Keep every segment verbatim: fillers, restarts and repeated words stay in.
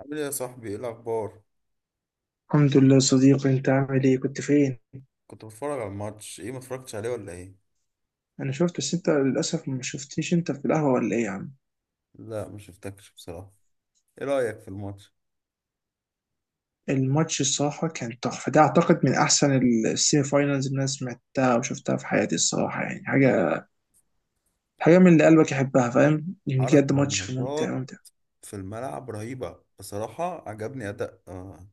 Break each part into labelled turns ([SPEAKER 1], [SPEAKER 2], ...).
[SPEAKER 1] عامل ايه يا صاحبي؟ ايه الاخبار؟
[SPEAKER 2] الحمد لله صديقي، انت عامل ايه؟ كنت فين؟
[SPEAKER 1] كنت بتفرج على الماتش. ايه، ما اتفرجتش عليه ولا ايه؟
[SPEAKER 2] انا شفت بس انت للاسف ما شفتنيش. انت في القهوه ولا ايه يا عم؟
[SPEAKER 1] لا، ما شفتكش بصراحه. ايه رايك في الماتش؟
[SPEAKER 2] الماتش الصراحه كان تحفه، ده اعتقد من احسن السيمي فاينلز اللي انا سمعتها وشفتها في حياتي الصراحه. يعني حاجه، حاجه من اللي قلبك يحبها، فاهم يعني، بجد
[SPEAKER 1] حركه
[SPEAKER 2] ماتش ممتع
[SPEAKER 1] ونشاط
[SPEAKER 2] ممتع.
[SPEAKER 1] في الملعب رهيبه بصراحه، عجبني اداء. آه.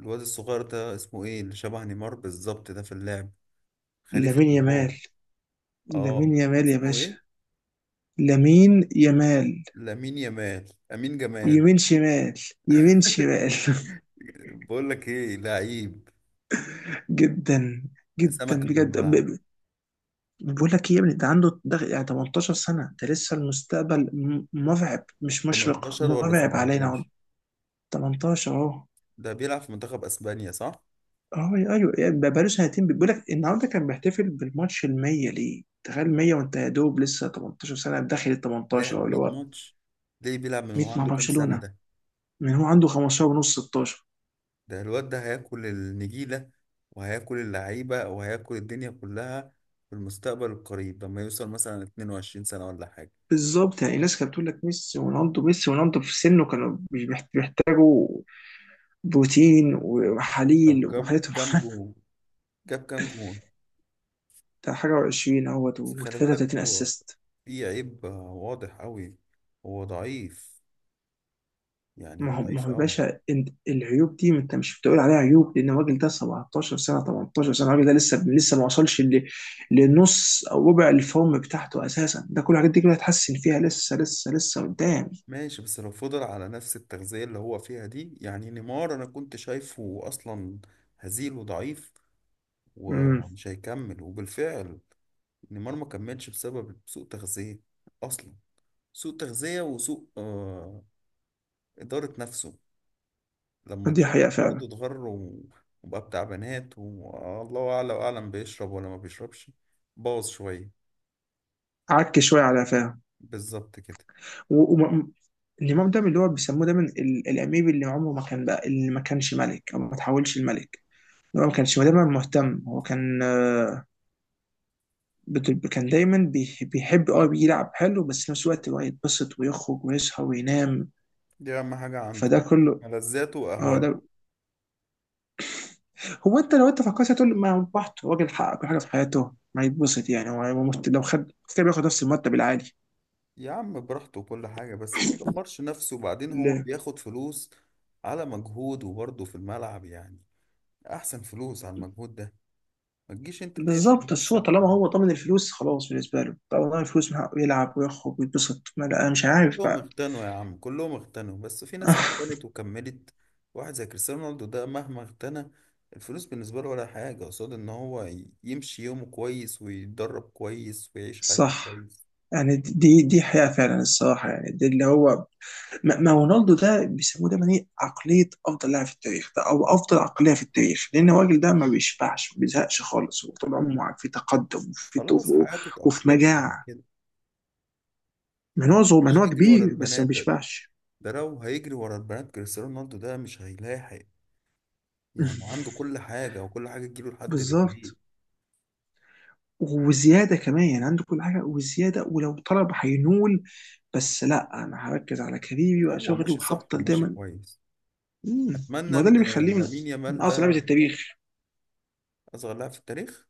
[SPEAKER 1] الواد الصغير ده اسمه ايه؟ اللي شبه نيمار بالظبط ده في اللعب، خليفه
[SPEAKER 2] لامين
[SPEAKER 1] نيمار.
[SPEAKER 2] يامال،
[SPEAKER 1] اه،
[SPEAKER 2] لامين يامال يا
[SPEAKER 1] اسمه
[SPEAKER 2] باشا.
[SPEAKER 1] ايه؟
[SPEAKER 2] لامين يامال.
[SPEAKER 1] لامين يامال، امين جمال.
[SPEAKER 2] يمين شمال. يمين شمال
[SPEAKER 1] بقول لك ايه، لعيب
[SPEAKER 2] جدا، جدا
[SPEAKER 1] سمكه في الملعب.
[SPEAKER 2] بجد. بقول لك ايه يا ابني، ده عنده ده يعني تمنتاشر سنة، ده لسه المستقبل م- مرعب، مش مشرق،
[SPEAKER 1] ثمانية عشر ولا
[SPEAKER 2] مرعب علينا اهو.
[SPEAKER 1] سبعة عشر؟
[SPEAKER 2] تمنتاشر اهو.
[SPEAKER 1] ده بيلعب في منتخب اسبانيا صح؟
[SPEAKER 2] اه ايوه، يعني بقاله سنتين. بيقول لك النهارده كان بيحتفل بالماتش ال ميه ليه، تخيل ميه، وانت يا دوب لسه تمنتاشر سنة، داخل ال تمنتاشر اهو
[SPEAKER 1] لعب
[SPEAKER 2] اللي
[SPEAKER 1] ميه
[SPEAKER 2] هو.
[SPEAKER 1] ماتش؟ ليه بيلعب؟ من
[SPEAKER 2] ميه
[SPEAKER 1] هو
[SPEAKER 2] مع
[SPEAKER 1] عنده كام سنة
[SPEAKER 2] برشلونة.
[SPEAKER 1] ده؟
[SPEAKER 2] من هو عنده خمستاشر ونص، ستاشر.
[SPEAKER 1] ده الواد ده هياكل النجيلة وهياكل اللعيبة وهياكل الدنيا كلها في المستقبل القريب، لما يوصل مثلا اتنين وعشرين سنة ولا حاجة.
[SPEAKER 2] بالظبط، يعني الناس كانت بتقول لك ميسي ورونالدو، ميسي ورونالدو، في سنه كانوا بيحت- بيحتاجوا بروتين
[SPEAKER 1] طب،
[SPEAKER 2] وحليل
[SPEAKER 1] جاب
[SPEAKER 2] وحالتهم
[SPEAKER 1] كام جون؟ جاب كام جون
[SPEAKER 2] بتاع حاجة وعشرين اهوت
[SPEAKER 1] بس خلي بالك،
[SPEAKER 2] و33
[SPEAKER 1] هو
[SPEAKER 2] اسيست.
[SPEAKER 1] في عيب واضح قوي. هو ضعيف، يعني هو
[SPEAKER 2] ما هو، ما
[SPEAKER 1] ضعيف
[SPEAKER 2] هو يا
[SPEAKER 1] قوي.
[SPEAKER 2] باشا انت، العيوب دي ما انت مش بتقول عليها عيوب، لان الراجل ده سبعة عشر سنة، تمنتاشر سنة، الراجل ده لسه لسه ما وصلش ل- لنص او ربع الفورم بتاعته اساسا. ده كل الحاجات دي كلها هتحسن فيها لسه لسه لسه قدام.
[SPEAKER 1] ماشي، بس لو فضل على نفس التغذية اللي هو فيها دي. يعني نيمار أنا كنت شايفه أصلا هزيل وضعيف
[SPEAKER 2] امم
[SPEAKER 1] ومش هيكمل، وبالفعل نيمار ما كملش بسبب سوء تغذية أصلا. سوء تغذية، وسوء آه إدارة نفسه. لما
[SPEAKER 2] دي
[SPEAKER 1] اتشهر
[SPEAKER 2] حقيقة
[SPEAKER 1] برضه
[SPEAKER 2] فعلا.
[SPEAKER 1] اتغر و- وبقى بتاع بنات، والله أعلى وأعلم بيشرب ولا ما بيشربش، باظ شوية.
[SPEAKER 2] عك شوية على فاهم.
[SPEAKER 1] بالظبط كده.
[SPEAKER 2] النظام ده من اللي هو بيسموه دايما ال- الاميب، اللي عمره ما كان بقى، اللي ما كانش ملك او ما تحولش الملك. هو ما كانش دايما مهتم. هو كان، بت- كان دايما بيح- بيحب اه يلعب حلو، بس في نفس الوقت اللي هو يتبسط ويخرج ويصحى وينام.
[SPEAKER 1] دي أهم حاجة عنده،
[SPEAKER 2] فده كله.
[SPEAKER 1] ملذاته
[SPEAKER 2] اه
[SPEAKER 1] وأهواء.
[SPEAKER 2] ده هو. انت لو انت فكرت هتقول ما هو براحته، راجل حقق كل حاجه في حياته، ما يتبسط. يعني هو هو مست- لو خد كده بياخد نفس المرتب العالي
[SPEAKER 1] يا عم براحته وكل حاجة، بس ما يدمرش نفسه، وبعدين هو
[SPEAKER 2] ال-
[SPEAKER 1] بياخد فلوس على مجهوده برضه في الملعب، يعني أحسن فلوس على المجهود ده. ما تجيش أنت تقفل
[SPEAKER 2] بالظبط. الصوت
[SPEAKER 1] نفسك.
[SPEAKER 2] طالما هو طمن الفلوس خلاص بالنسبه له، طالما الفلوس من حقه يلعب ويخرج ويتبسط، ما لا أنا مش عارف
[SPEAKER 1] كلهم
[SPEAKER 2] بقى.
[SPEAKER 1] اغتنوا يا عم، كلهم اغتنوا، بس في ناس اغتنت وكملت. واحد زي كريستيانو رونالدو ده مهما اغتنى، الفلوس بالنسبة له ولا حاجة قصاد ان هو ي- يمشي يومه كويس ويتدرب كويس ويعيش حياته
[SPEAKER 2] صح.
[SPEAKER 1] كويس.
[SPEAKER 2] يعني دي دي حياة فعلا الصراحة، يعني دي اللي هو، ما ما رونالدو ده بيسموه دايما ايه، عقليه افضل لاعب في التاريخ ده، او افضل عقليه في التاريخ، لان الراجل ده ما بيشبعش، ما بيزهقش خالص، هو طول عمره في تقدم وفي
[SPEAKER 1] خلاص،
[SPEAKER 2] طفو
[SPEAKER 1] حياته
[SPEAKER 2] وفي
[SPEAKER 1] اتأقلمت على
[SPEAKER 2] مجاعه.
[SPEAKER 1] كده. ما
[SPEAKER 2] منوع صغير،
[SPEAKER 1] حبش
[SPEAKER 2] منوع
[SPEAKER 1] يجري ورا
[SPEAKER 2] كبير، بس
[SPEAKER 1] البنات
[SPEAKER 2] ما
[SPEAKER 1] ده.
[SPEAKER 2] بيشبعش.
[SPEAKER 1] ده لو هيجري ورا البنات كريستيانو رونالدو ده مش هيلاحق. يعني عنده كل حاجة، وكل حاجة تجيله لحد رجليه.
[SPEAKER 2] بالظبط. وزياده كمان، يعني عنده كل حاجه وزياده، ولو طلب هينول. بس لا، انا هركز على كاريري
[SPEAKER 1] هو
[SPEAKER 2] وشغلي،
[SPEAKER 1] ماشي صح
[SPEAKER 2] وهفضل
[SPEAKER 1] وماشي
[SPEAKER 2] دايما.
[SPEAKER 1] كويس.
[SPEAKER 2] مم. ما
[SPEAKER 1] أتمنى
[SPEAKER 2] هو ده
[SPEAKER 1] إن
[SPEAKER 2] اللي بيخليه من,
[SPEAKER 1] لامين
[SPEAKER 2] من
[SPEAKER 1] يامال
[SPEAKER 2] اعظم لعبه
[SPEAKER 1] ده
[SPEAKER 2] التاريخ.
[SPEAKER 1] أصغر لاعب في التاريخ.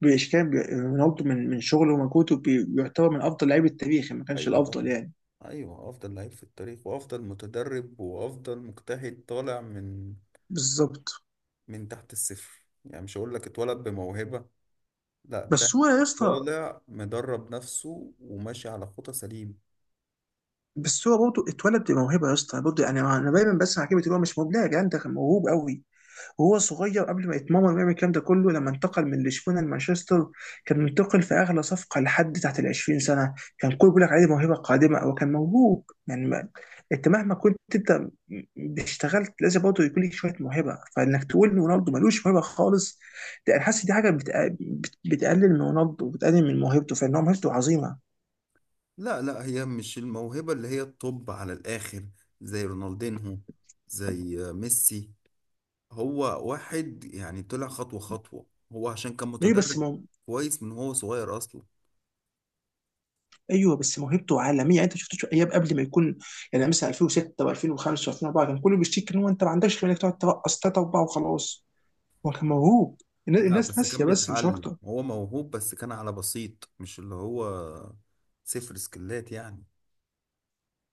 [SPEAKER 2] بإشكال، بي- رونالدو من من شغله ومجهوده بي- بيعتبر من أفضل لاعبي التاريخ، ما كانش
[SPEAKER 1] ايوه
[SPEAKER 2] الأفضل
[SPEAKER 1] طبعا،
[SPEAKER 2] يعني.
[SPEAKER 1] ايوه افضل لعيب في التاريخ وافضل متدرب وافضل مجتهد، طالع من
[SPEAKER 2] بالظبط.
[SPEAKER 1] من تحت الصفر. يعني مش هقول لك اتولد بموهبة، لا، ده
[SPEAKER 2] بس هو يا اسطى،
[SPEAKER 1] طالع مدرب نفسه وماشي على خطى سليم.
[SPEAKER 2] بس هو برضه اتولد بموهبه يا اسطى برضه. يعني انا دايما بسمع كلمه اللي هو مش مبدع، يا جدعان ده كان موهوب قوي وهو صغير قبل ما يتمرن ويعمل الكلام ده كله. لما انتقل من لشبونه لمانشستر كان منتقل في اغلى صفقه لحد تحت ال عشرين سنه. كان كل بيقول لك عليه موهبه قادمه، او كان موهوب يعني. ما انت مهما كنت انت اشتغلت لازم برضه يكون لك شويه موهبه، فانك تقول ان رونالدو ملوش موهبه خالص، ده انا حاسس دي حاجه بتق- بت- بتقلل من رونالدو وبتقلل من موهبته، فان هو موهبته عظيمه.
[SPEAKER 1] لا لا، هي مش الموهبة اللي هي الطب على الآخر زي رونالدينهو، زي ميسي. هو واحد يعني طلع خطوة خطوة، هو عشان كان
[SPEAKER 2] ليه بس؟
[SPEAKER 1] متدرب كويس من هو صغير أصلا.
[SPEAKER 2] ايوه بس موهبته عالميه، يعني انت شفت ايام قبل ما يكون، يعني مثلا الفين وستة و2005 و2004 كان كله بيشتكي ان هو انت ما عندكش غير انك تقعد ترقص ثلاثه اربعه وخلاص. هو كان موهوب، الن-
[SPEAKER 1] لا
[SPEAKER 2] الناس
[SPEAKER 1] بس كان
[SPEAKER 2] ناسيه بس، مش
[SPEAKER 1] بيتعلم،
[SPEAKER 2] اكتر.
[SPEAKER 1] هو موهوب بس كان على بسيط، مش اللي هو صفر سكلات يعني.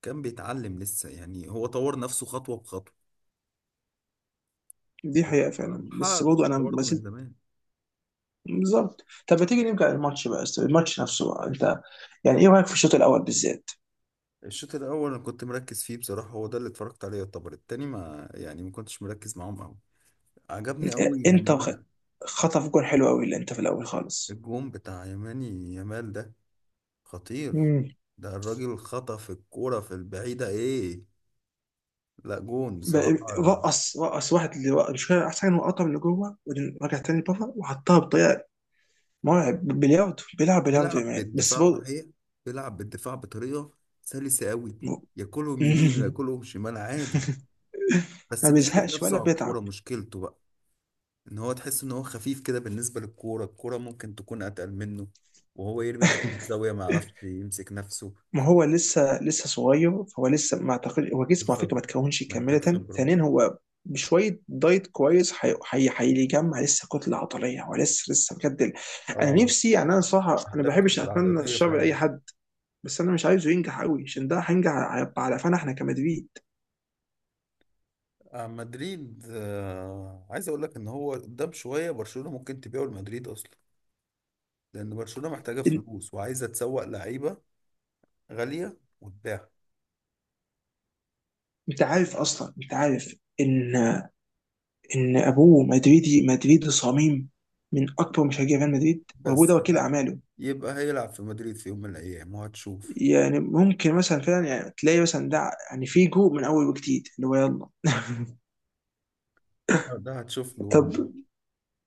[SPEAKER 1] كان بيتعلم لسه، يعني هو طور نفسه خطوة بخطوة،
[SPEAKER 2] دي حقيقه
[SPEAKER 1] وهو
[SPEAKER 2] فعلا، بس
[SPEAKER 1] محقق
[SPEAKER 2] برضه انا
[SPEAKER 1] شهرة
[SPEAKER 2] ما
[SPEAKER 1] برضه من
[SPEAKER 2] زلت.
[SPEAKER 1] زمان.
[SPEAKER 2] بالظبط، طب ما تيجي نرجع للماتش بقى، الماتش نفسه بقى. انت يعني ايه رايك في الشوط الاول بالذات؟
[SPEAKER 1] الشوط الأول أنا كنت مركز فيه بصراحة، هو ده اللي اتفرجت عليه. يعتبر التاني ما يعني ما كنتش مركز معاهم أوي. عجبني
[SPEAKER 2] آه،
[SPEAKER 1] أوي يعني
[SPEAKER 2] انت وخ-
[SPEAKER 1] أنا.
[SPEAKER 2] خطف جول حلو قوي اللي انت في الاول خالص.
[SPEAKER 1] الجون بتاع يماني يامال ده خطير.
[SPEAKER 2] امم.
[SPEAKER 1] ده الراجل خطف الكورة في البعيدة إيه، لا جون
[SPEAKER 2] ب-
[SPEAKER 1] بصراحة.
[SPEAKER 2] رقص رقص واحد اللي مش فاهم، احسن حاجه انه قطع من اللي جوه وبعدين رجع تاني بره وحطها بطريقه مرعب. بلياردو، بيلعب بلياردو يا
[SPEAKER 1] بيلعب
[SPEAKER 2] مان، بس
[SPEAKER 1] بالدفاع
[SPEAKER 2] بو...
[SPEAKER 1] صحيح، بيلعب بالدفاع بطريقه سلسه قوي. ياكلهم يمين وياكلهم شمال عادي.
[SPEAKER 2] ما
[SPEAKER 1] بس بيحدف
[SPEAKER 2] بيزهقش
[SPEAKER 1] نفسه
[SPEAKER 2] ولا
[SPEAKER 1] على الكوره،
[SPEAKER 2] بيتعب.
[SPEAKER 1] مشكلته بقى ان هو تحس ان هو خفيف كده بالنسبه للكوره. الكوره ممكن تكون اتقل منه وهو يرمي نفسه في زاويه، ما يعرفش يمسك نفسه.
[SPEAKER 2] ما هو لسه لسه صغير، فهو لسه، ما اعتقد هو جسمه على فكره
[SPEAKER 1] بالظبط،
[SPEAKER 2] ما تكونش
[SPEAKER 1] محتاج
[SPEAKER 2] كامله.
[SPEAKER 1] خبره.
[SPEAKER 2] ثانيا هو بشويه دايت كويس هي- هي- هيجمع لسه كتله عضليه. هو لسه لسه بجد ال- انا
[SPEAKER 1] اه،
[SPEAKER 2] نفسي، يعني انا صراحه انا ما
[SPEAKER 1] محتاج
[SPEAKER 2] بحبش
[SPEAKER 1] كتله
[SPEAKER 2] اتمنى
[SPEAKER 1] عضليه
[SPEAKER 2] الشر
[SPEAKER 1] فعلا.
[SPEAKER 2] لاي حد، بس انا مش عايزه ينجح قوي، عشان ده هينجح هيبقى على قفانا احنا كمدريد.
[SPEAKER 1] آه، مدريد، آه عايز اقول لك ان هو قدام شويه برشلونه ممكن تبيعه لمدريد اصلا، لان برشلونه محتاجه
[SPEAKER 2] إن-
[SPEAKER 1] فلوس وعايزه تسوق لعيبه غالية وتباع.
[SPEAKER 2] انت عارف اصلا، انت عارف ان ان ابوه مدريدي، مدريدي صميم، من اكبر مشجعي ريال مدريد، وابوه
[SPEAKER 1] بس
[SPEAKER 2] ده وكيل
[SPEAKER 1] يبقى
[SPEAKER 2] اعماله.
[SPEAKER 1] يبقى هيلعب في مدريد في يوم من الأيام وهتشوف.
[SPEAKER 2] يعني ممكن مثلا فعلا، يعني تلاقي مثلا ده يعني فيجو من اول وجديد اللي هو يلا.
[SPEAKER 1] ده ده هتشوف له،
[SPEAKER 2] طب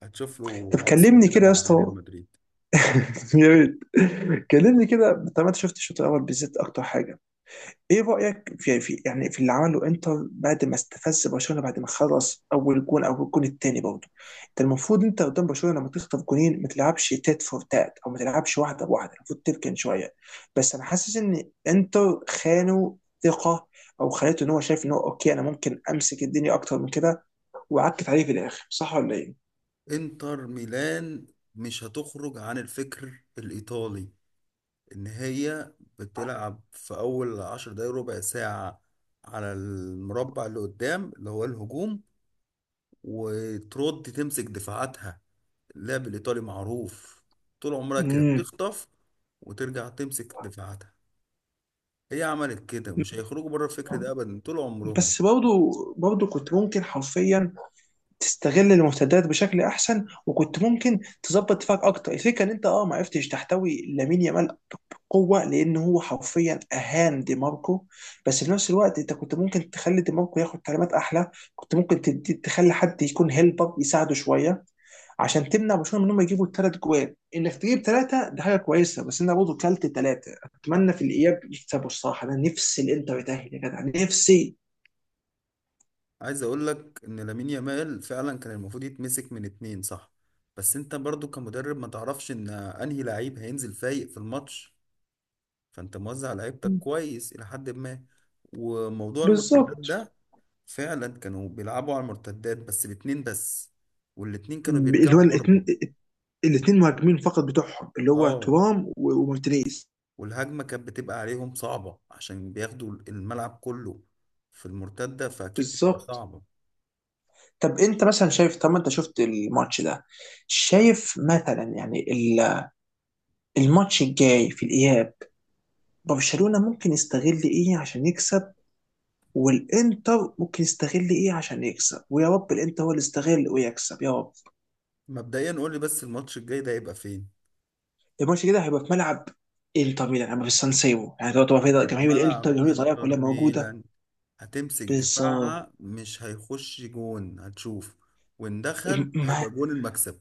[SPEAKER 1] هتشوف له
[SPEAKER 2] طب
[SPEAKER 1] عصر
[SPEAKER 2] كلمني
[SPEAKER 1] كده
[SPEAKER 2] كده يا
[SPEAKER 1] مع ريال
[SPEAKER 2] اسطى.
[SPEAKER 1] مدريد.
[SPEAKER 2] يا ريت، كلمني كده. طب انت شفت الشوط الاول بالذات اكتر حاجه، ايه رأيك في في يعني في اللي عمله انتر بعد ما استفز برشلونة، بعد ما خلص اول جون او الجون الثاني برضه؟ انت المفروض، انت قدام برشلونة لما تخطف جونين ما تلعبش تات فور تات، او ما تلعبش واحدة بواحدة، المفروض تركن شوية. بس انا حاسس ان انتر خانوا ثقة، او خليته ان هو شايف ان هو اوكي، انا ممكن امسك الدنيا اكتر من كده، وعكت عليه في الاخر، صح ولا ايه؟
[SPEAKER 1] انتر ميلان مش هتخرج عن الفكر الإيطالي، إن هي بتلعب في أول عشر دقايق ربع ساعة على المربع اللي قدام اللي هو الهجوم، وترد تمسك دفاعاتها. اللعب الإيطالي معروف، طول عمرها كده
[SPEAKER 2] امم
[SPEAKER 1] بتخطف وترجع تمسك دفاعاتها. هي عملت كده، ومش هيخرجوا بره الفكر ده ابدا طول عمرهم.
[SPEAKER 2] بس برضه برضه كنت ممكن حرفيا تستغل المرتدات بشكل احسن، وكنت ممكن تظبط دفاعك اكتر. الفكره ان انت اه، ما عرفتش تحتوي لامين يامال بقوه، لان هو حرفيا اهان دي ماركو، بس في نفس الوقت انت كنت ممكن تخلي دي ماركو ياخد تعليمات احلى. كنت ممكن تدي، تخلي حد يكون هيلبر يساعده شويه، عشان تمنع برشلونه من انهم يجيبوا ثلاث جوال. انك تجيب ثلاثه ده حاجه كويسه، بس انا برضه كلت ثلاثه. اتمنى في الاياب يكسبوا الصراحه، انا نفسي الانتر يتاهل يا جدع، نفسي.
[SPEAKER 1] عايز اقول لك ان لامين يامال فعلا كان المفروض يتمسك من اتنين صح، بس انت برضو كمدرب ما تعرفش ان انهي لعيب هينزل فايق في الماتش، فانت موزع لعيبتك كويس الى حد ما. وموضوع المرتدات
[SPEAKER 2] بالظبط.
[SPEAKER 1] ده فعلا كانوا بيلعبوا على المرتدات بس باتنين بس، والاتنين كانوا
[SPEAKER 2] اللي هو
[SPEAKER 1] بيرجعوا
[SPEAKER 2] الاتنين-
[SPEAKER 1] برضو.
[SPEAKER 2] الاثنين مهاجمين فقط بتوعهم، اللي هو
[SPEAKER 1] اه،
[SPEAKER 2] ترام و- ومارتينيز.
[SPEAKER 1] والهجمة كانت بتبقى عليهم صعبة عشان بياخدوا الملعب كله في المرتدة، فأكيد بتبقى
[SPEAKER 2] بالظبط.
[SPEAKER 1] صعبة.
[SPEAKER 2] طب انت مثلا شايف، طب ما انت شفت الماتش ده، شايف مثلا يعني ال- الماتش الجاي في الاياب، برشلونة ممكن يستغل ايه عشان يكسب، والانتر ممكن يستغل ايه عشان يكسب؟ ويا رب الانتر هو اللي يستغل ويكسب يا رب.
[SPEAKER 1] مبدئيا قول لي بس الماتش الجاي ده هيبقى فين؟
[SPEAKER 2] الماتش كده هيبقى في ملعب انتر ميلان، هيبقى في السان سيرو، يعني تبقى تبقى
[SPEAKER 1] في
[SPEAKER 2] في جماهير الانتر،
[SPEAKER 1] ملعب
[SPEAKER 2] جماهير ايطاليا
[SPEAKER 1] انتر
[SPEAKER 2] كلها موجودة.
[SPEAKER 1] ميلان هتمسك
[SPEAKER 2] بالظبط.
[SPEAKER 1] دفاعها، مش هيخش جون، هتشوف. وان دخل هيبقى جون المكسب.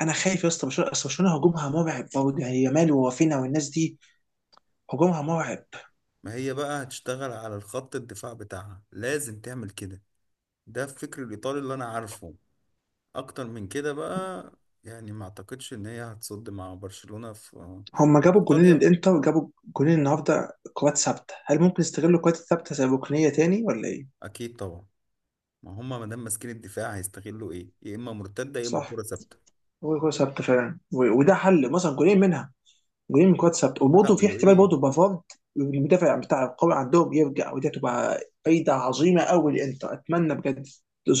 [SPEAKER 2] انا خايف يا اسطى، برشلونه، اصل برشلونه هجومها مرعب برضه، يعني يامال ووافينا والناس دي، هجومها مرعب.
[SPEAKER 1] ما هي بقى هتشتغل على الخط الدفاع بتاعها، لازم تعمل كده، ده الفكر الايطالي اللي انا عارفه. اكتر من كده بقى، يعني ما اعتقدش ان هي هتصد مع برشلونة في
[SPEAKER 2] هم
[SPEAKER 1] في
[SPEAKER 2] جابوا جونين،
[SPEAKER 1] ايطاليا.
[SPEAKER 2] الانتر جابوا جونين النهارده كرات ثابته، هل ممكن يستغلوا الكرات الثابته زي ركنيه تاني ولا ايه؟
[SPEAKER 1] اكيد طبعا، ما هم ما دام ماسكين الدفاع هيستغلوا ايه؟ يا اما مرتدة يا اما
[SPEAKER 2] صح.
[SPEAKER 1] كرة ثابتة.
[SPEAKER 2] هو كرات ثابته فعلا، و- وده حل، مثلا جونين منها، جونين من كرات ثابته. وبرضه
[SPEAKER 1] لا
[SPEAKER 2] في احتمال
[SPEAKER 1] وايه.
[SPEAKER 2] برضه بافارد المدافع بتاع القوي عندهم يرجع، ودي هتبقى فايده عظيمه قوي للانتر، اتمنى بجد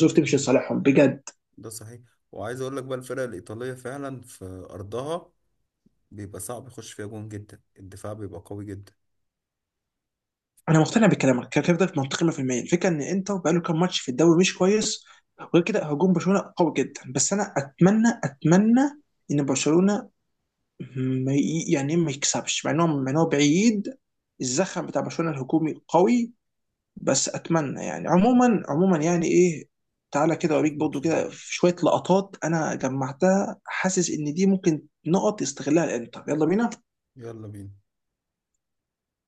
[SPEAKER 1] ده
[SPEAKER 2] تمشي
[SPEAKER 1] صحيح،
[SPEAKER 2] لصالحهم بجد.
[SPEAKER 1] ده صحيح. وعايز اقول لك بقى الفرق الايطاليه فعلا في ارضها بيبقى صعب يخش فيها جون جدا، الدفاع بيبقى قوي جدا.
[SPEAKER 2] انا مقتنع بكلامك، كلامك ده منطقي مية في المية. الفكره ان انتر بقاله كام ماتش في الدوري مش كويس، وغير كده هجوم برشلونه قوي جدا، بس انا اتمنى، اتمنى ان برشلونه ما ي- يعني ما يكسبش، مع انه مع إن هو بعيد، الزخم بتاع برشلونه الهجومي قوي، بس اتمنى يعني عموما عموما يعني ايه. تعالى كده
[SPEAKER 1] نشوف
[SPEAKER 2] اوريك برضه
[SPEAKER 1] ماتش حلو.
[SPEAKER 2] كده في شويه لقطات انا جمعتها، حاسس ان دي ممكن نقط يستغلها الانتر، يلا بينا.
[SPEAKER 1] يلا بينا.